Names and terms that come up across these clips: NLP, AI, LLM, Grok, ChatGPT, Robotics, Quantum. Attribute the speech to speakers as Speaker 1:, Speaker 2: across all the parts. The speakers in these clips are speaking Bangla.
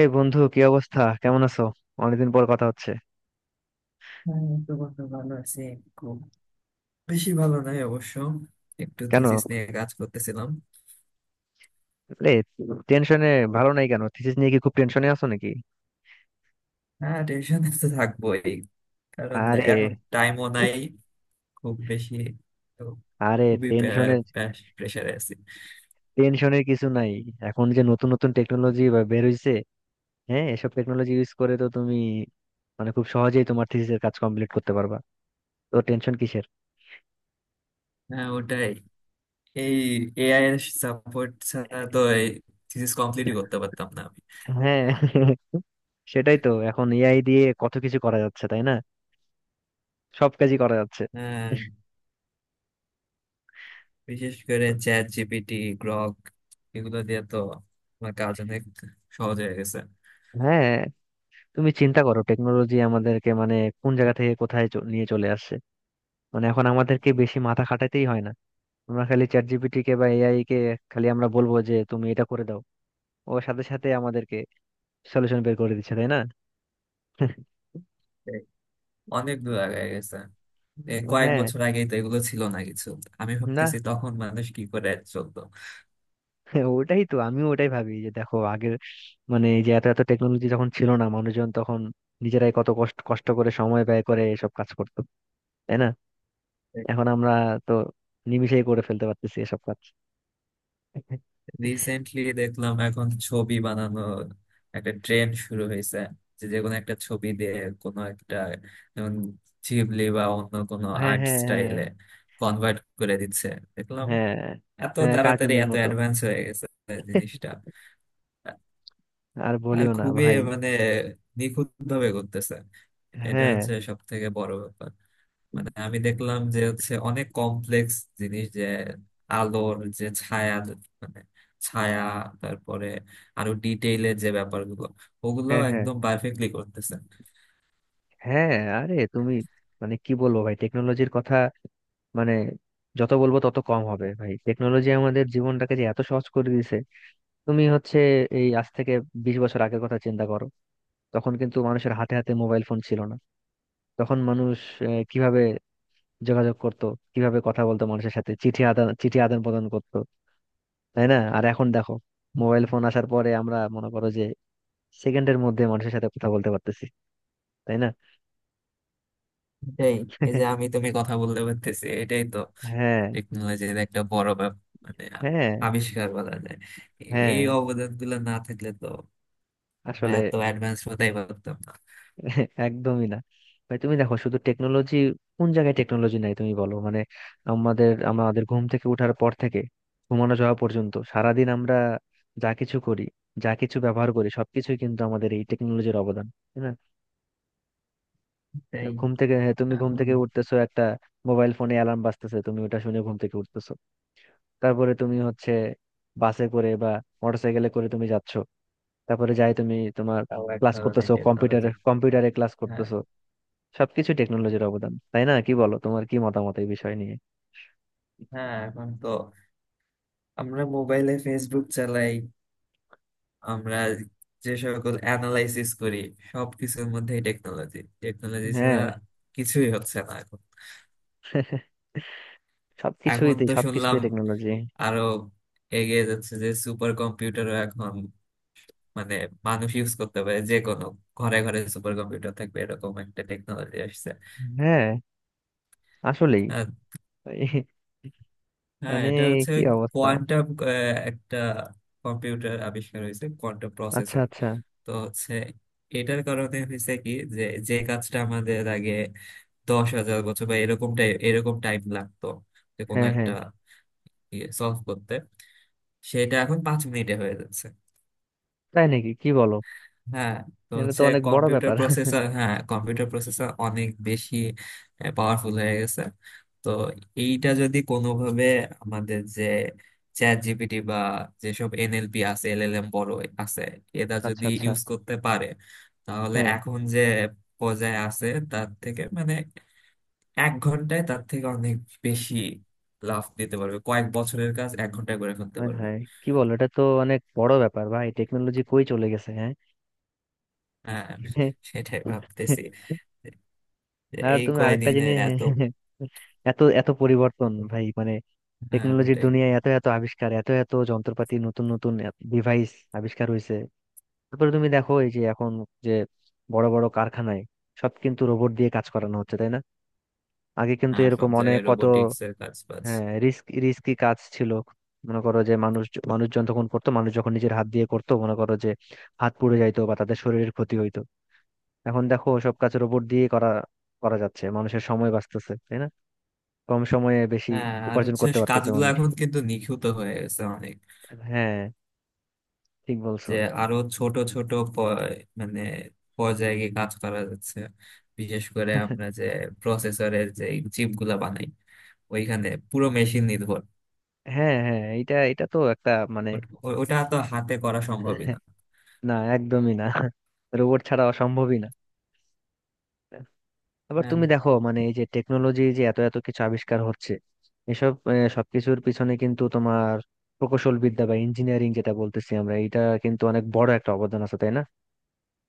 Speaker 1: এই বন্ধু কি অবস্থা, কেমন আছো? অনেকদিন পর কথা হচ্ছে।
Speaker 2: হ্যাঁ, এই তো বন্ধু ভালো আছি। খুব বেশি ভালো নাই অবশ্য। একটু
Speaker 1: কেন
Speaker 2: থিসিস নিয়ে কাজ করতেছিলাম।
Speaker 1: রে, টেনশনে? ভালো নাই কেন, থিসিস নিয়ে কি খুব টেনশনে আছো নাকি?
Speaker 2: হ্যাঁ, টেনশনে তো থাকবোই। কারণ
Speaker 1: আরে,
Speaker 2: এখন টাইমও নাই খুব বেশি, তো
Speaker 1: আরে
Speaker 2: খুবই
Speaker 1: টেনশনের
Speaker 2: প্রেশারে আছি।
Speaker 1: টেনশনের কিছু নাই। এখন যে নতুন নতুন টেকনোলজি বের হইছে, হ্যাঁ এসব টেকনোলজি ইউজ করে তো তুমি মানে খুব সহজেই তোমার থিসিসের কাজ কমপ্লিট করতে পারবা। তো টেনশন কিসের?
Speaker 2: হ্যাঁ, ওটাই। এই এআই এর সাপোর্ট ছাড়া তো এই থিসিস কমপ্লিটই করতে পারতাম না আমি।
Speaker 1: হ্যাঁ, সেটাই তো, এখন এআই দিয়ে কত কিছু করা যাচ্ছে তাই না? সব কাজই করা যাচ্ছে।
Speaker 2: হ্যাঁ, বিশেষ করে চ্যাট জিপিটি, গ্রক, এগুলো দিয়ে তো আমার কাজ অনেক সহজ হয়ে গেছে।
Speaker 1: হ্যাঁ, তুমি চিন্তা করো, টেকনোলজি আমাদেরকে মানে কোন জায়গা থেকে কোথায় নিয়ে চলে আসছে। মানে এখন আমাদেরকে বেশি মাথা খাটাতেই হয় না। আমরা খালি চ্যাট জিপিটি কে বা এআই কে, খালি আমরা বলবো যে তুমি এটা করে দাও, ও সাথে সাথে আমাদেরকে সলিউশন বের করে দিচ্ছে, তাই না?
Speaker 2: এই অনেক দূর আগায় গেছে। এ কয়েক
Speaker 1: হ্যাঁ।
Speaker 2: বছর আগেই তো এগুলো ছিল না কিছু। আমি
Speaker 1: না,
Speaker 2: ভাবতেছি তখন মানুষ কি করে চলতো।
Speaker 1: ওটাই তো, আমিও ওটাই ভাবি যে দেখো আগের মানে এই যে এত এত টেকনোলজি যখন ছিল না, মানুষজন তখন নিজেরাই কত কষ্ট কষ্ট করে সময় ব্যয় করে এসব কাজ করতো, তাই না? এখন আমরা তো নিমিষেই করে ফেলতে পারতেছি এসব কাজ।
Speaker 2: রিসেন্টলি দেখলাম এখন ছবি বানানোর একটা ট্রেন্ড শুরু হয়েছে, যে যে কোনো একটা ছবি দিয়ে কোনো একটা, যেমন শিবলি বা অন্য কোনো
Speaker 1: হ্যাঁ,
Speaker 2: আর্ট
Speaker 1: হ্যাঁ, হ্যাঁ।
Speaker 2: স্টাইলে কনভার্ট করে দিচ্ছে, দেখলাম।
Speaker 1: হ্যাঁ,
Speaker 2: এত
Speaker 1: হ্যাঁ,
Speaker 2: তাড়াতাড়ি
Speaker 1: কার্টুনের
Speaker 2: এত
Speaker 1: মতো।
Speaker 2: অ্যাডভান্স হয়ে গেছে জিনিসটা।
Speaker 1: আর
Speaker 2: আর
Speaker 1: বলিও না
Speaker 2: খুবই
Speaker 1: ভাই।
Speaker 2: মানে নিখুঁত ভাবে করতেছে, এটা
Speaker 1: হ্যাঁ,
Speaker 2: হচ্ছে সব থেকে বড় ব্যাপার। মানে আমি দেখলাম যে হচ্ছে অনেক কমপ্লেক্স জিনিস, যে আলোর যে ছায়া, মানে ছায়া, তারপরে আরো ডিটেইলের যে ব্যাপারগুলো, ওগুলো
Speaker 1: হ্যাঁ, হ্যাঁ,
Speaker 2: একদম পারফেক্টলি করতেছে।
Speaker 1: হ্যাঁ। আরে তুমি মানে কি বলবো ভাই, টেকনোলজির কথা মানে যত বলবো তত কম হবে, ভাই টেকনোলজি আমাদের জীবনটাকে যে এত সহজ করে দিয়েছে। তুমি হচ্ছে এই আজ থেকে 20 বছর আগের কথা চিন্তা করো, তখন কিন্তু মানুষের হাতে হাতে মোবাইল ফোন ছিল না। তখন মানুষ কিভাবে যোগাযোগ করতো, কিভাবে কথা বলতো মানুষের সাথে, চিঠি আদান প্রদান করতো, তাই না? আর এখন দেখো মোবাইল ফোন আসার পরে আমরা মনে করো যে সেকেন্ডের মধ্যে মানুষের সাথে কথা বলতে পারতেছি, তাই না?
Speaker 2: এটাই, এই যে আমি তুমি কথা বলতে পারতেছি এটাই তো
Speaker 1: হ্যাঁ,
Speaker 2: টেকনোলজির একটা বড় ব্যাপার, মানে
Speaker 1: হ্যাঁ,
Speaker 2: আবিষ্কার বলা যায়।
Speaker 1: হ্যাঁ।
Speaker 2: এই অবদান গুলো না থাকলে তো আমরা
Speaker 1: আসলে
Speaker 2: এত অ্যাডভান্স হতেই পারতাম না।
Speaker 1: একদমই না। ভাই তুমি দেখো শুধু টেকনোলজি, কোন জায়গায় টেকনোলজি নাই তুমি বলো মানে আমাদের আমাদের ঘুম থেকে ওঠার পর থেকে ঘুমানো যাওয়া পর্যন্ত সারাদিন আমরা যা কিছু করি, যা কিছু ব্যবহার করি, সবকিছুই কিন্তু আমাদের এই টেকনোলজির অবদান, তাই না? তো
Speaker 2: তাই।
Speaker 1: ঘুম থেকে হ্যাঁ, তুমি ঘুম
Speaker 2: এখন
Speaker 1: থেকে উঠতেছো, একটা মোবাইল ফোনে অ্যালার্ম বাজতেছে, তুমি ওটা শুনে ঘুম থেকে উঠতেছো। তারপরে তুমি হচ্ছে বাসে করে বা মোটরসাইকেলে করে তুমি যাচ্ছ, তারপরে যাই তুমি তোমার
Speaker 2: তাও এক
Speaker 1: ক্লাস
Speaker 2: ধরনের
Speaker 1: করতেছো, কম্পিউটারে
Speaker 2: টেকনোলজি।
Speaker 1: কম্পিউটারে ক্লাস
Speaker 2: হ্যাঁ,
Speaker 1: করতেছো। সবকিছু টেকনোলজির অবদান, তাই না? কি বলো, তোমার কি মতামত এই বিষয় নিয়ে?
Speaker 2: হ্যাঁ, এখন তো আমরা মোবাইলে ফেসবুক চালাই, আমরা যে সকল অ্যানালাইসিস করি, সবকিছুর মধ্যেই টেকনোলজি। টেকনোলজি ছাড়া
Speaker 1: হ্যাঁ।
Speaker 2: কিছুই হচ্ছে না এখন। এখন তো
Speaker 1: সবকিছুতে
Speaker 2: শুনলাম
Speaker 1: টেকনোলজি।
Speaker 2: আরো এগিয়ে যাচ্ছে, যে সুপার কম্পিউটারও এখন মানে মানুষ ইউজ করতে পারে, যে কোনো ঘরে ঘরে সুপার কম্পিউটার থাকবে এরকম একটা টেকনোলজি আসছে।
Speaker 1: হ্যাঁ, আসলেই।
Speaker 2: আর
Speaker 1: এই
Speaker 2: হ্যাঁ,
Speaker 1: মানে
Speaker 2: এটা হচ্ছে
Speaker 1: কি অবস্থা।
Speaker 2: কোয়ান্টাম একটা কম্পিউটার আবিষ্কার হয়েছে, কোয়ান্টাম
Speaker 1: আচ্ছা
Speaker 2: প্রসেসর।
Speaker 1: আচ্ছা।
Speaker 2: তো হচ্ছে এটার কারণে হয়েছে কি, যে যে কাজটা আমাদের আগে 10,000 বছর বা এরকম টাইম লাগতো যে কোনো
Speaker 1: হ্যাঁ
Speaker 2: একটা
Speaker 1: হ্যাঁ।
Speaker 2: ইয়ে সলভ করতে, সেটা এখন 5 মিনিটে হয়ে যাচ্ছে।
Speaker 1: তাই নাকি, কি বলো,
Speaker 2: হ্যাঁ, তো
Speaker 1: এটা তো
Speaker 2: হচ্ছে
Speaker 1: অনেক বড় ব্যাপার।
Speaker 2: কম্পিউটার প্রসেসর অনেক বেশি পাওয়ারফুল হয়ে গেছে। তো এইটা যদি কোনোভাবে আমাদের যে চ্যাট জিপিটি বা যেসব এনএলপি আছে, এলএলএম বড় আছে, এরা
Speaker 1: আচ্ছা
Speaker 2: যদি
Speaker 1: আচ্ছা।
Speaker 2: ইউজ করতে পারে, তাহলে
Speaker 1: হ্যাঁ
Speaker 2: এখন যে পর্যায়ে আছে তার থেকে মানে 1 ঘন্টায় তার থেকে অনেক বেশি লাভ দিতে পারবে, কয়েক বছরের কাজ 1 ঘন্টায় করে ফেলতে
Speaker 1: হ্যাঁ,
Speaker 2: পারবে।
Speaker 1: হ্যাঁ, কি বলো, এটা তো অনেক বড় ব্যাপার ভাই, টেকনোলজি কই চলে গেছে, হ্যাঁ।
Speaker 2: হ্যাঁ, সেটাই ভাবতেছি, যে
Speaker 1: আর
Speaker 2: এই
Speaker 1: তুমি আরেকটা
Speaker 2: কয়দিনে
Speaker 1: জিনিস
Speaker 2: এত।
Speaker 1: এত এত পরিবর্তন, ভাই মানে
Speaker 2: হ্যাঁ,
Speaker 1: টেকনোলজির
Speaker 2: ওটাই।
Speaker 1: দুনিয়ায় এত এত আবিষ্কার, এত এত যন্ত্রপাতি, নতুন নতুন ডিভাইস আবিষ্কার হয়েছে। তারপরে তুমি দেখো এই যে এখন যে বড় বড় কারখানায় সব কিন্তু রোবট দিয়ে কাজ করানো হচ্ছে, তাই না? আগে কিন্তু
Speaker 2: হ্যাঁ, সব
Speaker 1: এরকম অনেক
Speaker 2: জায়গায়
Speaker 1: কত
Speaker 2: রোবোটিক্স এর কাজ বাজ।
Speaker 1: হ্যাঁ রিস্কি কাজ ছিল, মনে করো যে মানুষ, মানুষজন তখন করতো, মানুষ যখন নিজের হাত দিয়ে করতো মনে করো যে হাত পুড়ে যাইতো বা তাদের শরীরের ক্ষতি হইতো। এখন দেখো সব কাজ রোবট দিয়ে করা করা যাচ্ছে, মানুষের সময় বাঁচতেছে, তাই না? কম সময়ে বেশি
Speaker 2: হ্যাঁ, আর
Speaker 1: উপার্জন
Speaker 2: হচ্ছে
Speaker 1: করতে পারতেছে
Speaker 2: কাজগুলো
Speaker 1: মানুষ।
Speaker 2: এখন কিন্তু নিখুঁত হয়ে গেছে অনেক,
Speaker 1: হ্যাঁ, ঠিক বলছো।
Speaker 2: যে আরো ছোট ছোট মানে পর্যায়ে গিয়ে কাজ করা যাচ্ছে। বিশেষ করে আমরা যে প্রসেসরের যে চিপ গুলা বানাই, ওইখানে পুরো মেশিন নির্ভর।
Speaker 1: হ্যাঁ হ্যাঁ, এটা এটা তো একটা মানে,
Speaker 2: ওটা তো হাতে করা সম্ভবই না।
Speaker 1: না একদমই না, রোবট ছাড়া অসম্ভবই না। আবার
Speaker 2: হ্যাঁ,
Speaker 1: তুমি দেখো মানে এই যে টেকনোলজি যে এত এত কিছু আবিষ্কার হচ্ছে, এসব সবকিছুর পিছনে কিন্তু তোমার প্রকৌশল বিদ্যা বা ইঞ্জিনিয়ারিং, যেটা বলতেছি আমরা, এটা কিন্তু অনেক বড় একটা অবদান আছে, তাই না?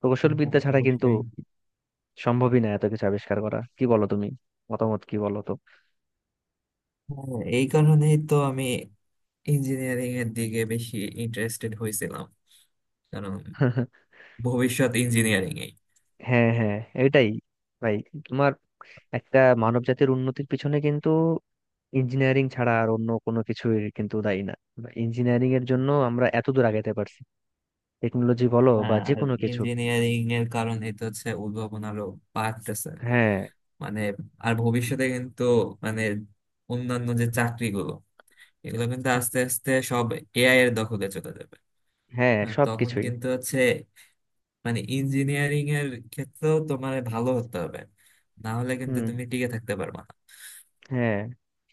Speaker 1: প্রকৌশল
Speaker 2: হ্যাঁ,
Speaker 1: বিদ্যা ছাড়া কিন্তু
Speaker 2: অবশ্যই।
Speaker 1: সম্ভবই না এত কিছু আবিষ্কার করা, কি বলো তুমি, মতামত কি বলো?
Speaker 2: হ্যাঁ, এই কারণেই তো আমি ইঞ্জিনিয়ারিং এর দিকে বেশি ইন্টারেস্টেড হয়েছিলাম। কারণ
Speaker 1: তো
Speaker 2: ভবিষ্যৎ ইঞ্জিনিয়ারিং।
Speaker 1: হ্যাঁ, হ্যাঁ, এটাই ভাই তোমার একটা মানব জাতির উন্নতির পিছনে কিন্তু ইঞ্জিনিয়ারিং ছাড়া আর অন্য কোনো কিছুই কিন্তু দায়ী না। ইঞ্জিনিয়ারিং এর জন্য আমরা এত দূর আগাতে পারছি, টেকনোলজি বলো বা
Speaker 2: হ্যাঁ,
Speaker 1: যে
Speaker 2: আর
Speaker 1: কোনো কিছু।
Speaker 2: ইঞ্জিনিয়ারিং এর কারণে তো হচ্ছে উদ্ভাবন আরো বাড়তেছে,
Speaker 1: হ্যাঁ,
Speaker 2: মানে। আর ভবিষ্যতে কিন্তু মানে অন্যান্য যে চাকরিগুলো, এগুলো কিন্তু আস্তে আস্তে সব এআই এর দখলে চলে যাবে।
Speaker 1: হ্যাঁ,
Speaker 2: হ্যাঁ, তখন
Speaker 1: সবকিছুই।
Speaker 2: কিন্তু হচ্ছে মানে ইঞ্জিনিয়ারিং এর ক্ষেত্রেও তোমার ভালো হতে হবে, না হলে কিন্তু
Speaker 1: হুম,
Speaker 2: তুমি টিকে থাকতে পারবে না।
Speaker 1: হ্যাঁ,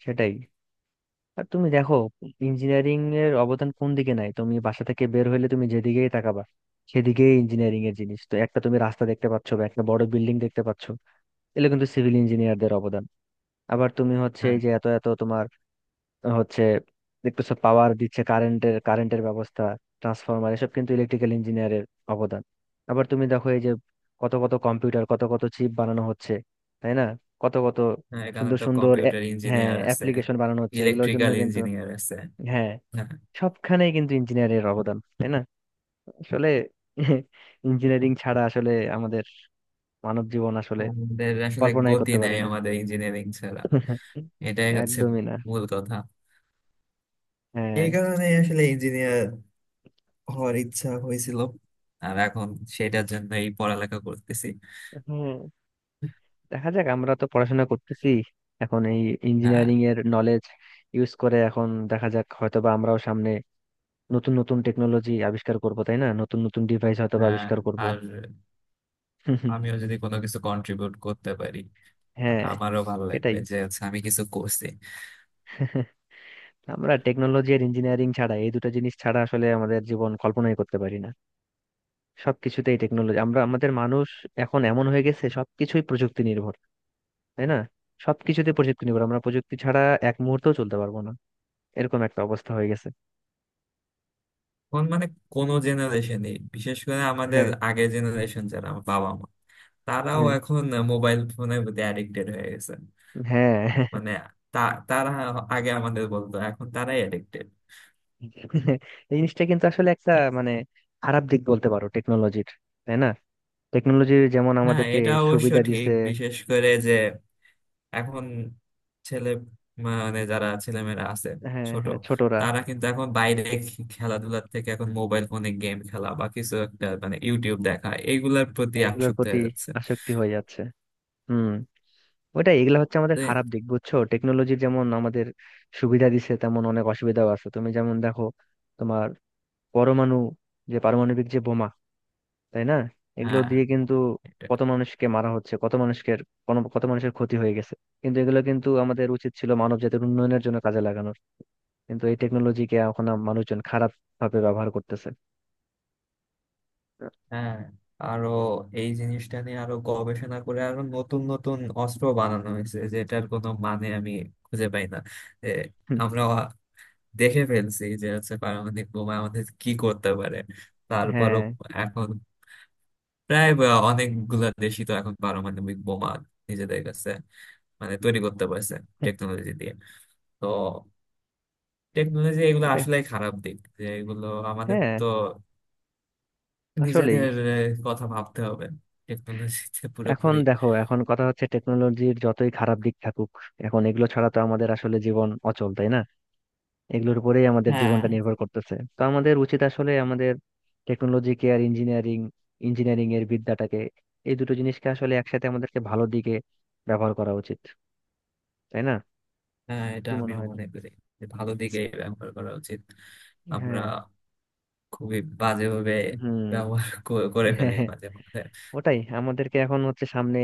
Speaker 1: সেটাই। আর তুমি দেখো ইঞ্জিনিয়ারিং এর অবদান কোন দিকে নাই তুমি বাসা থেকে বের হইলে, তুমি যেদিকেই তাকাবা সেদিকেই ইঞ্জিনিয়ারিং এর জিনিস। তো একটা তুমি রাস্তা দেখতে পাচ্ছ বা একটা বড় বিল্ডিং দেখতে পাচ্ছ, এগুলো কিন্তু সিভিল ইঞ্জিনিয়ারদের অবদান। আবার তুমি হচ্ছে
Speaker 2: হ্যাঁ,
Speaker 1: এই যে এত এত তোমার হচ্ছে দেখতেছো পাওয়ার দিচ্ছে, কারেন্টের কারেন্টের ব্যবস্থা, ট্রান্সফরমার, এসব কিন্তু ইলেকট্রিক্যাল ইঞ্জিনিয়ারের অবদান। আবার তুমি দেখো এই যে কত কত কম্পিউটার, কত কত চিপ বানানো হচ্ছে, তাই না? কত কত
Speaker 2: হ্যাঁ, এখানে
Speaker 1: সুন্দর
Speaker 2: তো
Speaker 1: সুন্দর
Speaker 2: কম্পিউটার
Speaker 1: হ্যাঁ
Speaker 2: ইঞ্জিনিয়ার আছে,
Speaker 1: অ্যাপ্লিকেশন বানানো হচ্ছে এগুলোর জন্য
Speaker 2: ইলেকট্রিক্যাল
Speaker 1: কিন্তু।
Speaker 2: ইঞ্জিনিয়ার আছে।
Speaker 1: হ্যাঁ,
Speaker 2: হ্যাঁ,
Speaker 1: সবখানেই কিন্তু ইঞ্জিনিয়ারের অবদান, তাই না? আসলে ইঞ্জিনিয়ারিং ছাড়া আসলে আমাদের মানব জীবন আসলে
Speaker 2: আমাদের আসলে
Speaker 1: কল্পনাই
Speaker 2: গতি
Speaker 1: করতে
Speaker 2: নাই
Speaker 1: পারি না।
Speaker 2: আমাদের ইঞ্জিনিয়ারিং ছাড়া। এটাই হচ্ছে
Speaker 1: একদমই না।
Speaker 2: মূল কথা।
Speaker 1: হ্যাঁ
Speaker 2: এই কারণে আসলে ইঞ্জিনিয়ার হওয়ার ইচ্ছা হয়েছিল, আর এখন সেটার জন্য এই পড়ালেখা করতেছি।
Speaker 1: হ্যাঁ, দেখা যাক, আমরা তো পড়াশোনা করতেছি এখন এই
Speaker 2: হ্যাঁ,
Speaker 1: ইঞ্জিনিয়ারিং এর নলেজ ইউজ করে, এখন দেখা যাক হয়তো বা আমরাও সামনে নতুন নতুন টেকনোলজি আবিষ্কার করব, তাই না? নতুন নতুন ডিভাইস হয়তো বা
Speaker 2: হ্যাঁ,
Speaker 1: আবিষ্কার করব।
Speaker 2: আর আমিও যদি কোনো কিছু কন্ট্রিবিউট করতে পারি, আর
Speaker 1: হ্যাঁ,
Speaker 2: আমারও ভালো
Speaker 1: সেটাই,
Speaker 2: লাগবে যে হচ্ছে আমি কিছু করছি।
Speaker 1: আমরা টেকনোলজি আর ইঞ্জিনিয়ারিং ছাড়া এই দুটো জিনিস ছাড়া আসলে আমাদের জীবন কল্পনাই করতে পারি না। সবকিছুতেই টেকনোলজি, আমরা আমাদের মানুষ এখন এমন হয়ে গেছে সবকিছুই প্রযুক্তি নির্ভর, তাই না? সবকিছুতে প্রযুক্তি নির্ভর, আমরা প্রযুক্তি ছাড়া এক মুহূর্তও চলতে পারবো না, এরকম একটা অবস্থা হয়ে গেছে।
Speaker 2: কোন মানে কোনো জেনারেশনে, বিশেষ করে আমাদের
Speaker 1: হ্যাঁ,
Speaker 2: আগের জেনারেশন, যারা আমার বাবা মা, তারাও
Speaker 1: হ্যাঁ,
Speaker 2: এখন মোবাইল ফোনের প্রতি অ্যাডিক্টেড হয়ে গেছে।
Speaker 1: হ্যাঁ।
Speaker 2: মানে তা তারা আগে আমাদের বলতো, এখন তারাই অ্যাডিক্টেড।
Speaker 1: এই জিনিসটা কিন্তু আসলে একটা মানে খারাপ দিক বলতে পারো টেকনোলজির, তাই না? টেকনোলজি যেমন
Speaker 2: হ্যাঁ,
Speaker 1: আমাদেরকে
Speaker 2: এটা অবশ্য
Speaker 1: সুবিধা
Speaker 2: ঠিক।
Speaker 1: দিছে।
Speaker 2: বিশেষ করে যে এখন ছেলে মানে যারা ছেলেমেয়েরা আছে
Speaker 1: হ্যাঁ
Speaker 2: ছোট,
Speaker 1: হ্যাঁ, ছোটরা
Speaker 2: তারা কিন্তু এখন বাইরে খেলাধুলার থেকে এখন মোবাইল ফোনে গেম খেলা বা কিছু একটা মানে ইউটিউব দেখা এইগুলার প্রতি
Speaker 1: এগুলোর
Speaker 2: আসক্ত
Speaker 1: প্রতি
Speaker 2: হয়ে যাচ্ছে।
Speaker 1: আসক্তি হয়ে যাচ্ছে। হুম, ওটাই, এগুলা হচ্ছে
Speaker 2: তো
Speaker 1: আমাদের
Speaker 2: এ-
Speaker 1: খারাপ দিক, বুঝছো, টেকনোলজি যেমন আমাদের সুবিধা দিছে তেমন অনেক অসুবিধাও আছে। তুমি যেমন দেখো তোমার পরমাণু, যে পারমাণবিক যে বোমা, তাই না, এগুলো
Speaker 2: হ্যাঁ।
Speaker 1: দিয়ে কিন্তু
Speaker 2: এটা-
Speaker 1: কত মানুষকে মারা হচ্ছে, কত মানুষকে, কত মানুষের ক্ষতি হয়ে গেছে। কিন্তু এগুলো কিন্তু আমাদের উচিত ছিল মানব জাতির উন্নয়নের জন্য কাজে লাগানোর, কিন্তু এই টেকনোলজিকে এখন মানুষজন খারাপ ভাবে ব্যবহার করতেছে।
Speaker 2: হ্যাঁ, আরো এই জিনিসটা নিয়ে আরো গবেষণা করে আরো নতুন নতুন অস্ত্র বানানো হয়েছে, যেটার কোনো মানে আমি খুঁজে পাই না। এ,
Speaker 1: হুম,
Speaker 2: আমরা দেখে ফেলছি যে হচ্ছে পারমাণবিক বোমা আমাদের কি করতে পারে। তারপরও
Speaker 1: হ্যাঁ,
Speaker 2: এখন প্রায় বা অনেকগুলা দেশই তো এখন পারমাণবিক বোমা নিজেদের কাছে মানে তৈরি করতে পারছে টেকনোলজি দিয়ে। তো টেকনোলজি এগুলো
Speaker 1: ওটাই।
Speaker 2: আসলে খারাপ দিক, যে এগুলো আমাদের
Speaker 1: হ্যাঁ,
Speaker 2: তো
Speaker 1: আসলেই।
Speaker 2: নিজেদের কথা ভাবতে হবে টেকনোলজিতে
Speaker 1: এখন
Speaker 2: পুরোপুরি।
Speaker 1: দেখো এখন কথা হচ্ছে টেকনোলজির যতই খারাপ দিক থাকুক এখন এগুলো ছাড়া তো আমাদের আসলে জীবন অচল, তাই না? এগুলোর উপরেই আমাদের
Speaker 2: হ্যাঁ,
Speaker 1: জীবনটা নির্ভর করতেছে, তো আমাদের উচিত আসলে আমাদের টেকনোলজিকে আর ইঞ্জিনিয়ারিং ইঞ্জিনিয়ারিং এর বিদ্যাটাকে, এই দুটো জিনিসকে আসলে একসাথে আমাদেরকে ভালো দিকে ব্যবহার করা উচিত, তাই না?
Speaker 2: হ্যাঁ, এটা
Speaker 1: কি মনে
Speaker 2: আমিও
Speaker 1: হয়?
Speaker 2: মনে করি যে ভালো দিকে ব্যবহার করা উচিত। আমরা
Speaker 1: হ্যাঁ,
Speaker 2: খুবই বাজেভাবে
Speaker 1: হুম,
Speaker 2: করে
Speaker 1: হ্যাঁ,
Speaker 2: ফেলি
Speaker 1: হ্যাঁ,
Speaker 2: মাঝে মধ্যে।
Speaker 1: ওটাই, আমাদেরকে এখন হচ্ছে সামনে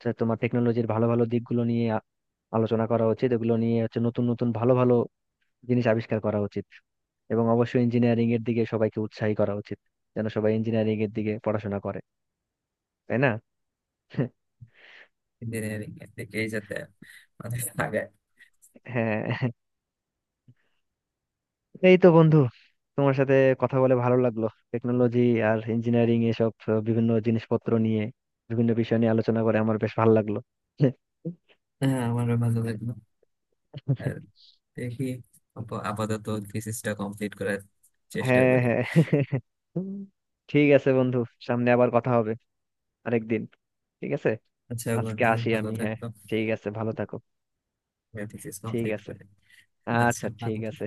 Speaker 1: তো তোমার টেকনোলজির ভালো ভালো দিকগুলো নিয়ে আলোচনা করা উচিত, এগুলো নিয়ে হচ্ছে নতুন নতুন ভালো ভালো জিনিস আবিষ্কার করা উচিত, এবং অবশ্যই ইঞ্জিনিয়ারিং এর দিকে সবাইকে উৎসাহী করা উচিত যেন সবাই ইঞ্জিনিয়ারিং এর দিকে পড়াশোনা করে, তাই না?
Speaker 2: ইঞ্জিনিয়ারিং এর দিকেই যাতে মানে আগে।
Speaker 1: হ্যাঁ, এই তো বন্ধু, তোমার সাথে কথা বলে ভালো লাগলো, টেকনোলজি আর ইঞ্জিনিয়ারিং এসব বিভিন্ন জিনিসপত্র নিয়ে, বিভিন্ন বিষয় নিয়ে আলোচনা করে আমার বেশ ভালো লাগলো।
Speaker 2: হ্যাঁ, আমারও ভালো লাগলো। আর দেখি আপাতত থিসিসটা কমপ্লিট করার চেষ্টা
Speaker 1: হ্যাঁ
Speaker 2: করি।
Speaker 1: হ্যাঁ, ঠিক আছে বন্ধু, সামনে আবার কথা হবে আরেকদিন, ঠিক আছে?
Speaker 2: আচ্ছা
Speaker 1: আজকে
Speaker 2: বন্ধু,
Speaker 1: আসি
Speaker 2: ভালো
Speaker 1: আমি, হ্যাঁ,
Speaker 2: থাকো।
Speaker 1: ঠিক আছে, ভালো থাকো।
Speaker 2: থিসিস
Speaker 1: ঠিক
Speaker 2: কমপ্লিট
Speaker 1: আছে,
Speaker 2: করে। আচ্ছা,
Speaker 1: আচ্ছা ঠিক
Speaker 2: ভালো থাকো।
Speaker 1: আছে।